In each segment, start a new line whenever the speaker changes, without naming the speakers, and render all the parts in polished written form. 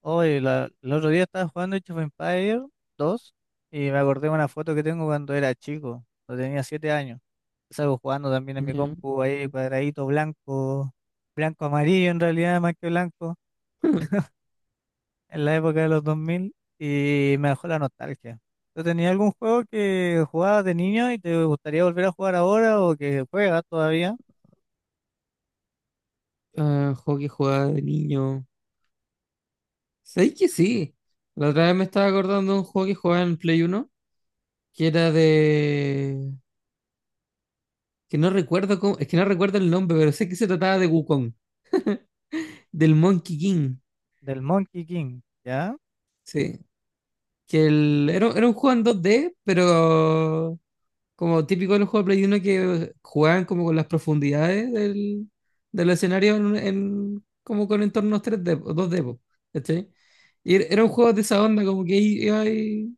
Hoy, el otro día estaba jugando Age of Empires 2 y me acordé de una foto que tengo cuando era chico, cuando tenía 7 años. Salgo jugando también en mi
Ya.
compu ahí, cuadradito blanco, blanco amarillo en realidad, más que blanco, en la época de los 2000 y me dejó la nostalgia. ¿Tú tenías algún juego que jugabas de niño y te gustaría volver a jugar ahora o que juegas todavía?
Juego que jugaba de niño. ¿Sabéis que sí? La otra vez me estaba acordando de un juego que jugaba en Play uno que era de... que no recuerdo cómo... es que no recuerdo el nombre, pero sé que se trataba de Wukong, del Monkey King.
Del Monkey King, ¿ya?
Sí. Era un juego en dos d, pero como típico de los juegos de Play uno, que jugaban como con las profundidades del escenario, como con entornos tres d o dos d po, ¿cachai? Y era un juego de esa onda, como que iba ahí.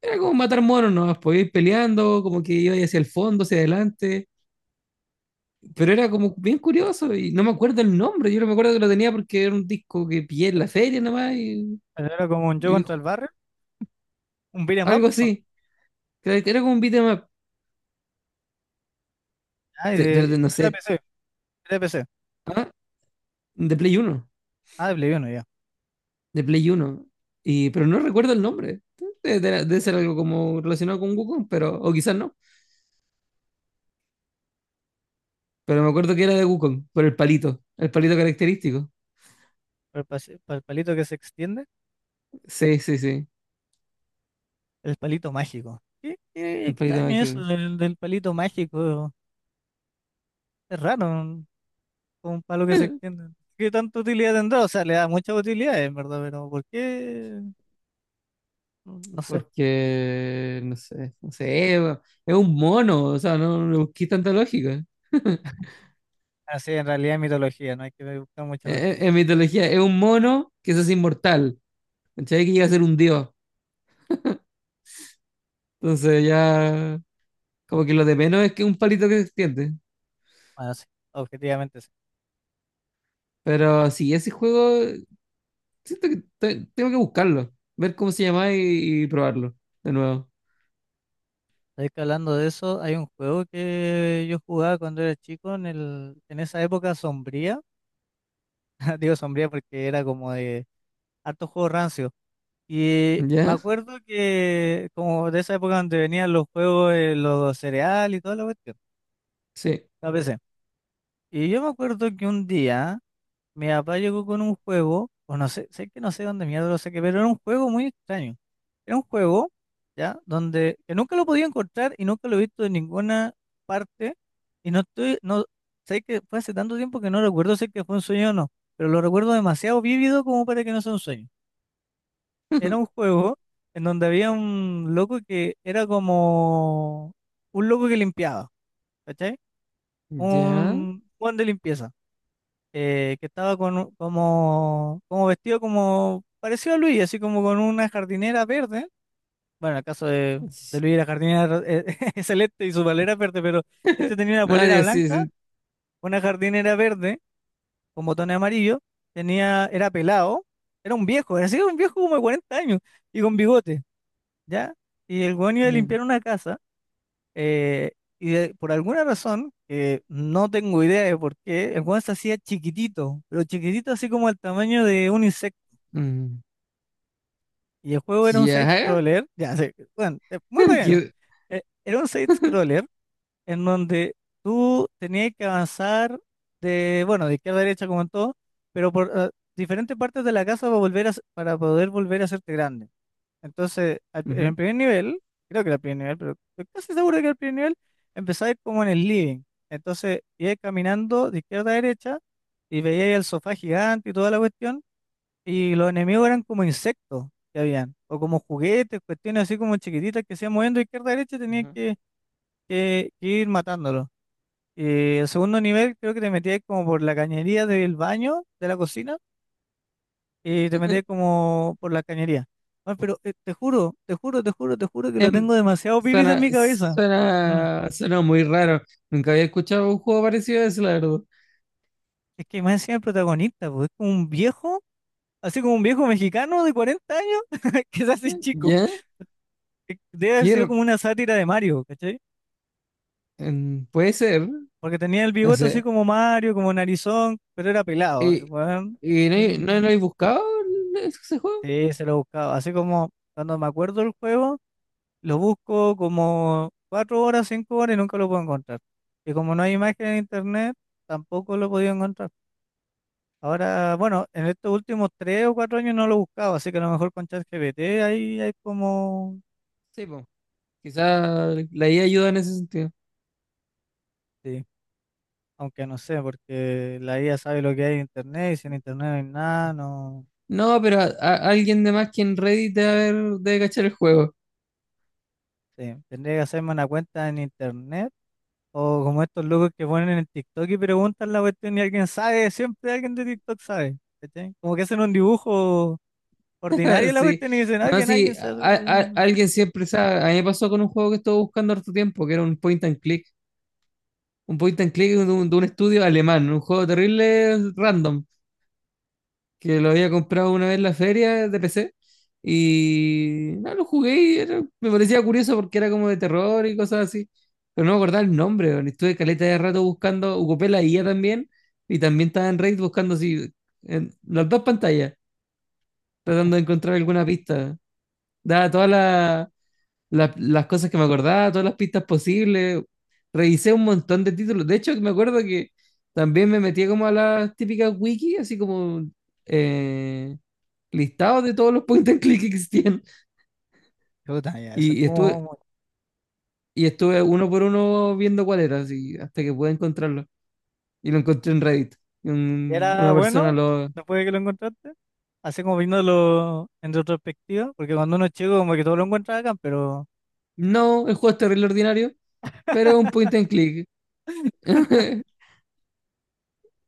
Era como matar monos, ¿no? Podía ir peleando, como que iba hacia el fondo, hacia adelante. Pero era como bien curioso y no me acuerdo el nombre. Yo no me acuerdo que lo tenía porque era un disco que pillé en la feria nada más
Pero era como un yo
y
contra el barrio, un beat 'em up,
algo
¿no?
así. Era como un beatmap,
Ah,
pero no
pero era de
sé.
PC, era de PC.
¿Ah, de Play Uno?
Ah, de Play 1, ya.
De Play Uno. Y, pero no recuerdo el nombre. Debe ser algo como relacionado con Wukong, pero, o quizás no. Pero me acuerdo que era de Wukong, por el palito característico.
Para el palito que se extiende,
Sí, sí, sí,
el palito mágico. Qué
el palito
extraño eso
mágico.
del, del palito mágico. Es raro, como un palo que se extiende. ¿Qué tanta utilidad tendrá? O sea, le da mucha utilidad, en verdad, pero ¿por qué? No no sé.
Porque, no sé, no sé, es un mono, o sea, no, no busqué tanta lógica.
Así, en realidad es mitología, no hay que buscar mucha lógica.
En mitología, es un mono que se hace inmortal, ¿cachai? Que llega a ser un dios. Entonces ya, como que lo de menos es que un palito que se extiende.
Bueno, sí, objetivamente sí.
Pero sí, ese juego, siento que tengo que buscarlo, ver cómo se llama y probarlo de nuevo.
Sabes que hablando de eso, hay un juego que yo jugaba cuando era chico en el, en esa época sombría. Digo sombría porque era como de harto juego rancio. Me
¿Ya?
acuerdo que como de esa época donde venían los juegos, los cereales y toda la cuestión,
Sí.
la PC. Y yo me acuerdo que un día mi papá llegó con un juego, o no sé, sé que no sé dónde mierda lo saqué, pero era un juego muy extraño. Era un juego, ¿ya? Donde que nunca lo podía encontrar y nunca lo he visto en ninguna parte. Y no estoy, no, sé que fue hace tanto tiempo que no recuerdo, sé que fue un sueño o no, pero lo recuerdo demasiado vívido como para que no sea un sueño. Era un juego en donde había un loco que era como un loco que limpiaba, ¿cachai?
¿Ya?
Un Juan de limpieza, que estaba con, como vestido como parecido a Luis, así como con una jardinera verde. Bueno, en el caso de Luis la jardinera es celeste y su polera verde, pero este tenía una polera
Nadie, sí,
blanca,
sí.
una jardinera verde con botones amarillos, tenía, era pelado, era un viejo, era así un viejo como de 40 años y con bigote. ¿Ya? Y el weón iba a
Ya.
limpiar una casa, eh, por alguna razón, que no tengo idea de por qué, el weón se hacía chiquitito, pero chiquitito así como el tamaño de un insecto.
Mm.
Y el juego era un
¿Ya?
side-scroller, ya sé, bueno, muy relleno.
¿Qué?
Era un side-scroller en donde tú tenías que avanzar de, bueno, de izquierda a derecha como en todo, pero por diferentes partes de la casa para volver para poder volver a hacerte grande. Entonces, en el
Ujú.
primer nivel, creo que era el primer nivel, pero estoy casi seguro de que era el primer nivel, empezaba como en el living. Entonces, iba caminando de izquierda a derecha y veía el sofá gigante y toda la cuestión, y los enemigos eran como insectos que habían, o como juguetes, cuestiones así como chiquititas que se iban moviendo de izquierda a derecha y tenías
Ajá.
que ir matándolos. Y el segundo nivel creo que te metías como por la cañería del baño, de la cocina y te metías como por la cañería. Bueno, pero te juro, te juro, te juro, te juro que lo
Em,
tengo demasiado vivido en
suena,
mi cabeza. Mm.
suena, suena muy raro. Nunca había escuchado un juego parecido a ese, la verdad.
Es que más encima el protagonista, pues, es como un viejo, así como un viejo mexicano de 40 años, que se hace chico.
¿Ya?
Debe haber
¿Qué
sido
r-
como una sátira de Mario, ¿cachai?
Puede ser,
Porque tenía el
no
bigote así
sé.
como Mario, como narizón, pero era pelado, el
¿Y,
weón.
y no, no,
Y-
no hay buscado ese juego?
Sí, se lo buscaba. Así como cuando me acuerdo del juego. Lo busco como 4 horas, 5 horas y nunca lo puedo encontrar. Y como no hay imagen en internet, tampoco lo he podido encontrar. Ahora, bueno, en estos últimos 3 o 4 años no lo he buscado, así que a lo mejor con ChatGPT ahí hay como...
Sí, pues. Quizá la IA ayuda en ese sentido.
Sí, aunque no sé, porque la IA sabe lo que hay en internet y si en internet no hay nada, no...
No, pero alguien de más que en Reddit debe, debe cachar el juego.
Sí, tendría que hacerme una cuenta en internet o como estos locos que ponen en TikTok y preguntan la cuestión y alguien sabe, siempre alguien de TikTok sabe. ¿Cachai? Como que hacen un dibujo ordinario la
Sí.
cuestión y dice, no,
No,
que nadie
sí,
se acuerda".
alguien siempre sabe. A mí me pasó con un juego que estuve buscando harto tiempo, que era un point and click. Un point and click de de un estudio alemán, un juego terrible random, que lo había comprado una vez en la feria de PC. Y no, lo jugué y me parecía curioso porque era como de terror y cosas así. Pero no me acordaba el nombre, weón. Estuve caleta de rato buscando, ocupé la IA también. Y también estaba en Raid buscando así, en las dos pantallas, tratando de encontrar alguna pista. Daba todas las las cosas que me acordaba, todas las pistas posibles. Revisé un montón de títulos. De hecho, me acuerdo que también me metía como a las típicas wiki, así como eh, listados de todos los point and click que existían.
Puta, ya, eso es
Y, y estuve,
como,
y estuve uno por uno viendo cuál era, así, hasta que pude encontrarlo. Y lo encontré en Reddit. Y
era
una persona
bueno,
lo...
después de que lo encontraste, así como viéndolo en retrospectiva, porque cuando uno es chico como que todo lo encuentra acá, pero
No, el juego es terrible ordinario, pero es un point and click.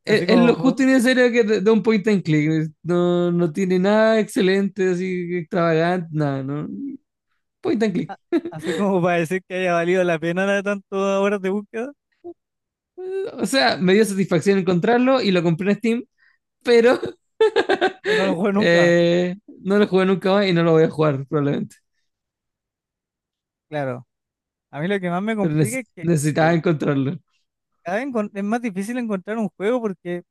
así
Es
como,
lo justo
po-
y necesario que de un point and click. No, no tiene nada excelente, así extravagante, nada, ¿no? Point and
a-
click.
así como para decir que haya valido la pena de tantas horas de búsqueda,
O sea, me dio satisfacción encontrarlo y lo compré en Steam, pero
pero no lo juego nunca.
eh, no lo jugué nunca más y no lo voy a jugar probablemente.
Claro, a mí lo que más me
Pero
complica es que
necesitaba encontrarlo.
cada vez es más difícil encontrar un juego porque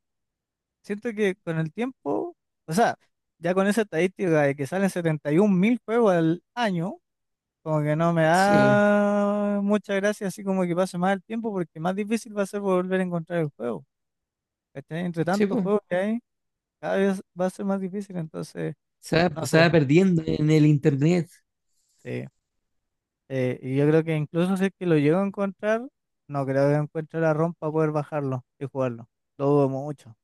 siento que con el tiempo, o sea, ya con esa estadística de que salen 71.000 juegos al año, como que no me
Sí,
da mucha gracia, así como que pase más el tiempo, porque más difícil va a ser volver a encontrar el juego. ¿Cachai? Entre
sí,
tantos
po.
juegos que hay, cada vez va a ser más difícil, entonces, no
Se
sé.
va perdiendo en el internet.
Sí. Y yo creo que incluso si es que lo llego a encontrar, no creo que encuentre la ROM para poder bajarlo y jugarlo. Lo dudo mucho.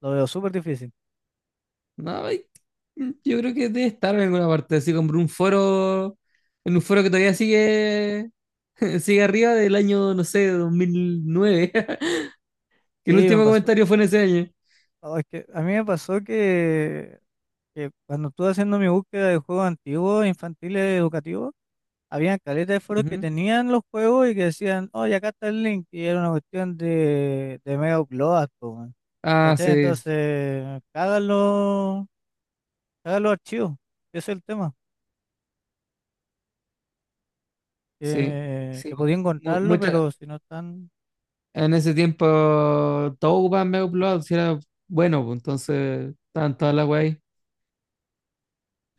Lo veo súper difícil.
No, ay, yo creo que debe estar en alguna parte. Así compré un foro, en un foro que todavía sigue, sigue arriba del año, no sé, 2009. Que el
Sí, me
último
pasó.
comentario fue en ese año.
Oh, es que a mí me pasó que cuando estuve haciendo mi búsqueda de juegos antiguos, infantiles, educativos, había caleta de foros que
Ujú.
tenían los juegos y que decían, oye, acá está el link, y era una cuestión de mega upload, po, weón.
Ah,
¿Cachai?
sí,
Entonces, cagan los archivos, ese es el tema,
sí,
que,
sí.
que podía
Mu-
encontrarlo,
mucha-
pero si no están.
En ese tiempo todo ocupaban Mega Upload, si era bueno, pues, entonces estaban todas las weas ahí.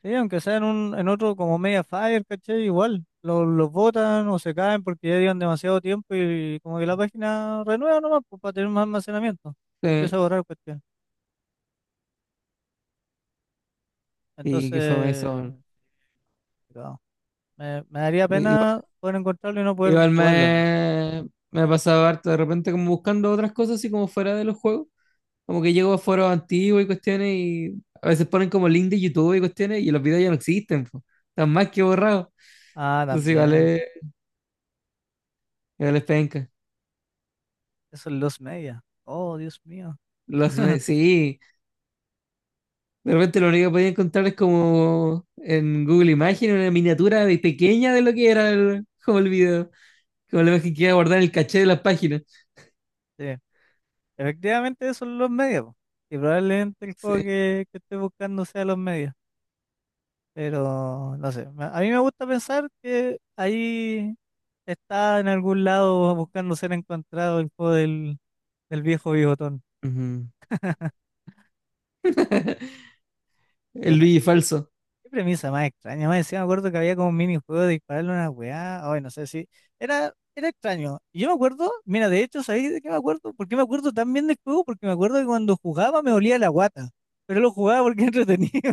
Sí, aunque sea en, un, en otro como media fire, ¿cachai? Igual, los botan o se caen porque ya llevan demasiado tiempo y como que la página renueva nomás pues, para tener más almacenamiento y
Sí.
empieza a borrar cuestión.
Y que fue
Entonces,
eso.
no, me daría
Igual,
pena poder encontrarlo y no poder
igual
jugarlo, ¿no?
me, me pasaba harto de repente como buscando otras cosas así como fuera de los juegos. Como que llego a foros antiguos y cuestiones y a veces ponen como link de YouTube y cuestiones y los videos ya no existen, pues. Están más que borrados.
Ah,
Entonces
también,
igual es penca.
eso es los media. Oh, Dios mío.
Los, sí. De repente lo único que podía encontrar es como en Google Imagen una miniatura de pequeña de lo que era el, como el video, como la imagen que iba a guardar en el caché de las páginas.
Sí, efectivamente eso es los medios. Po. Y probablemente el juego
Sí.
que estoy buscando sea los medios. Pero no sé, a mí me gusta pensar que ahí está en algún lado buscando ser encontrado el juego del, del viejo bigotón.
Ujú.
Qué,
El Luigi falso.
qué premisa más extraña. Más decía me acuerdo que había como un minijuego de dispararle una weá. Ay, no sé si. Era extraño. Y yo me acuerdo, mira, de hecho, ¿sabéis de qué me acuerdo? ¿Por qué me acuerdo tan bien del juego? Porque me acuerdo que cuando jugaba me olía la guata. Pero lo jugaba porque era entretenido.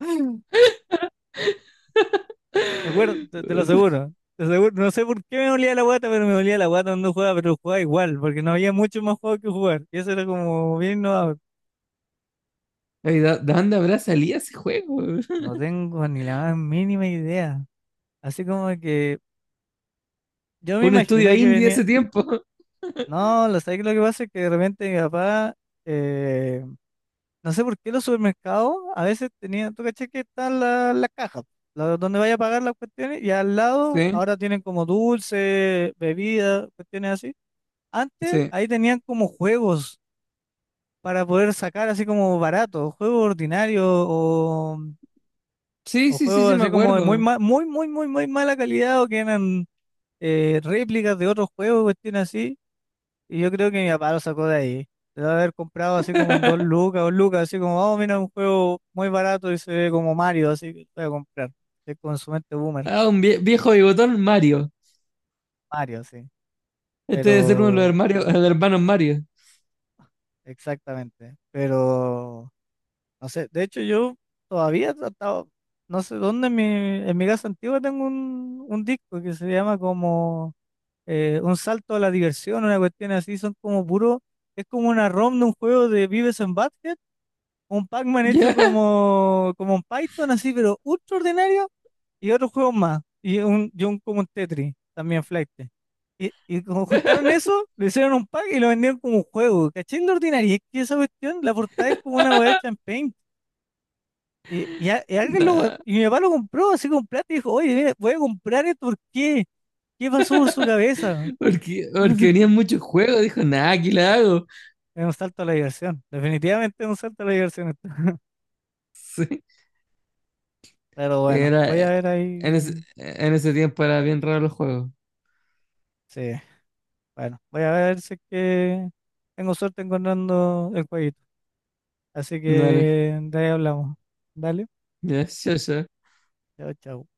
¿De acuerdo? Te lo aseguro. Te aseguro. No sé por qué me olía la guata, pero me olía la guata cuando jugaba, pero jugaba igual, porque no había mucho más juego que jugar. Y eso era como bien innovador.
Ay, ¿de de dónde habrá salido ese juego?
No tengo ni la más mínima idea. Así como que yo me
Un
imagino
estudio
que
indie de
venía.
ese tiempo.
No, lo sabes que lo que pasa es que de repente mi papá, eh, no sé por qué los supermercados a veces tenían, tú caché que están las cajas, donde vaya a pagar las cuestiones, y al lado
Sí,
ahora tienen como dulce, bebidas, cuestiones así. Antes
sí.
ahí tenían como juegos para poder sacar así como barato, juegos ordinarios
Sí,
o
sí, sí, sí,
juegos
me
así como de muy
acuerdo.
muy, muy, muy, muy mala calidad o que eran réplicas de otros juegos, cuestiones así, y yo creo que mi papá lo sacó de ahí. Debe haber comprado así como en dos lucas o lucas, así como, vamos, mira, un juego muy barato y se ve como Mario, así que lo voy a comprar. Es como su mente boomer,
Ah, un viejo bigotón Mario.
Mario, sí.
Este debe ser uno de los
Pero,
de los hermanos Mario.
exactamente. Pero, no sé, de hecho yo todavía he tratado, no sé dónde en mi casa antigua tengo un disco que se llama como un salto a la diversión, una cuestión así, son como puro, es como una ROM de un juego de Vives en Butthead, un Pac-Man hecho
Ya,
como un Python así, pero ultra ordinario, y otros juegos más, y un como un Tetris, también flight. Y como juntaron eso, le hicieron un pack y lo vendieron como un juego, ¿cachai? De ordinario, y es que esa cuestión, la portada es como una weá hecha en Paint. Y alguien lo,
nah,
y mi papá lo compró así con plata y dijo, oye, mira, voy a comprar esto, ¿por qué? ¿Qué pasó por su cabeza?
porque, porque venían muchos juegos. Dijo, nada, aquí la hago.
Es un salto a la diversión. Definitivamente es un salto a la diversión. Esto.
Sí.
Pero
Sí,
bueno,
era,
voy a ver ahí.
en ese tiempo era bien raro los juegos.
Sí, bueno, voy a ver si es que tengo suerte encontrando el jueguito. Así
Dale,
que de ahí hablamos. Dale.
ya, ya, ya.
Chao, chao.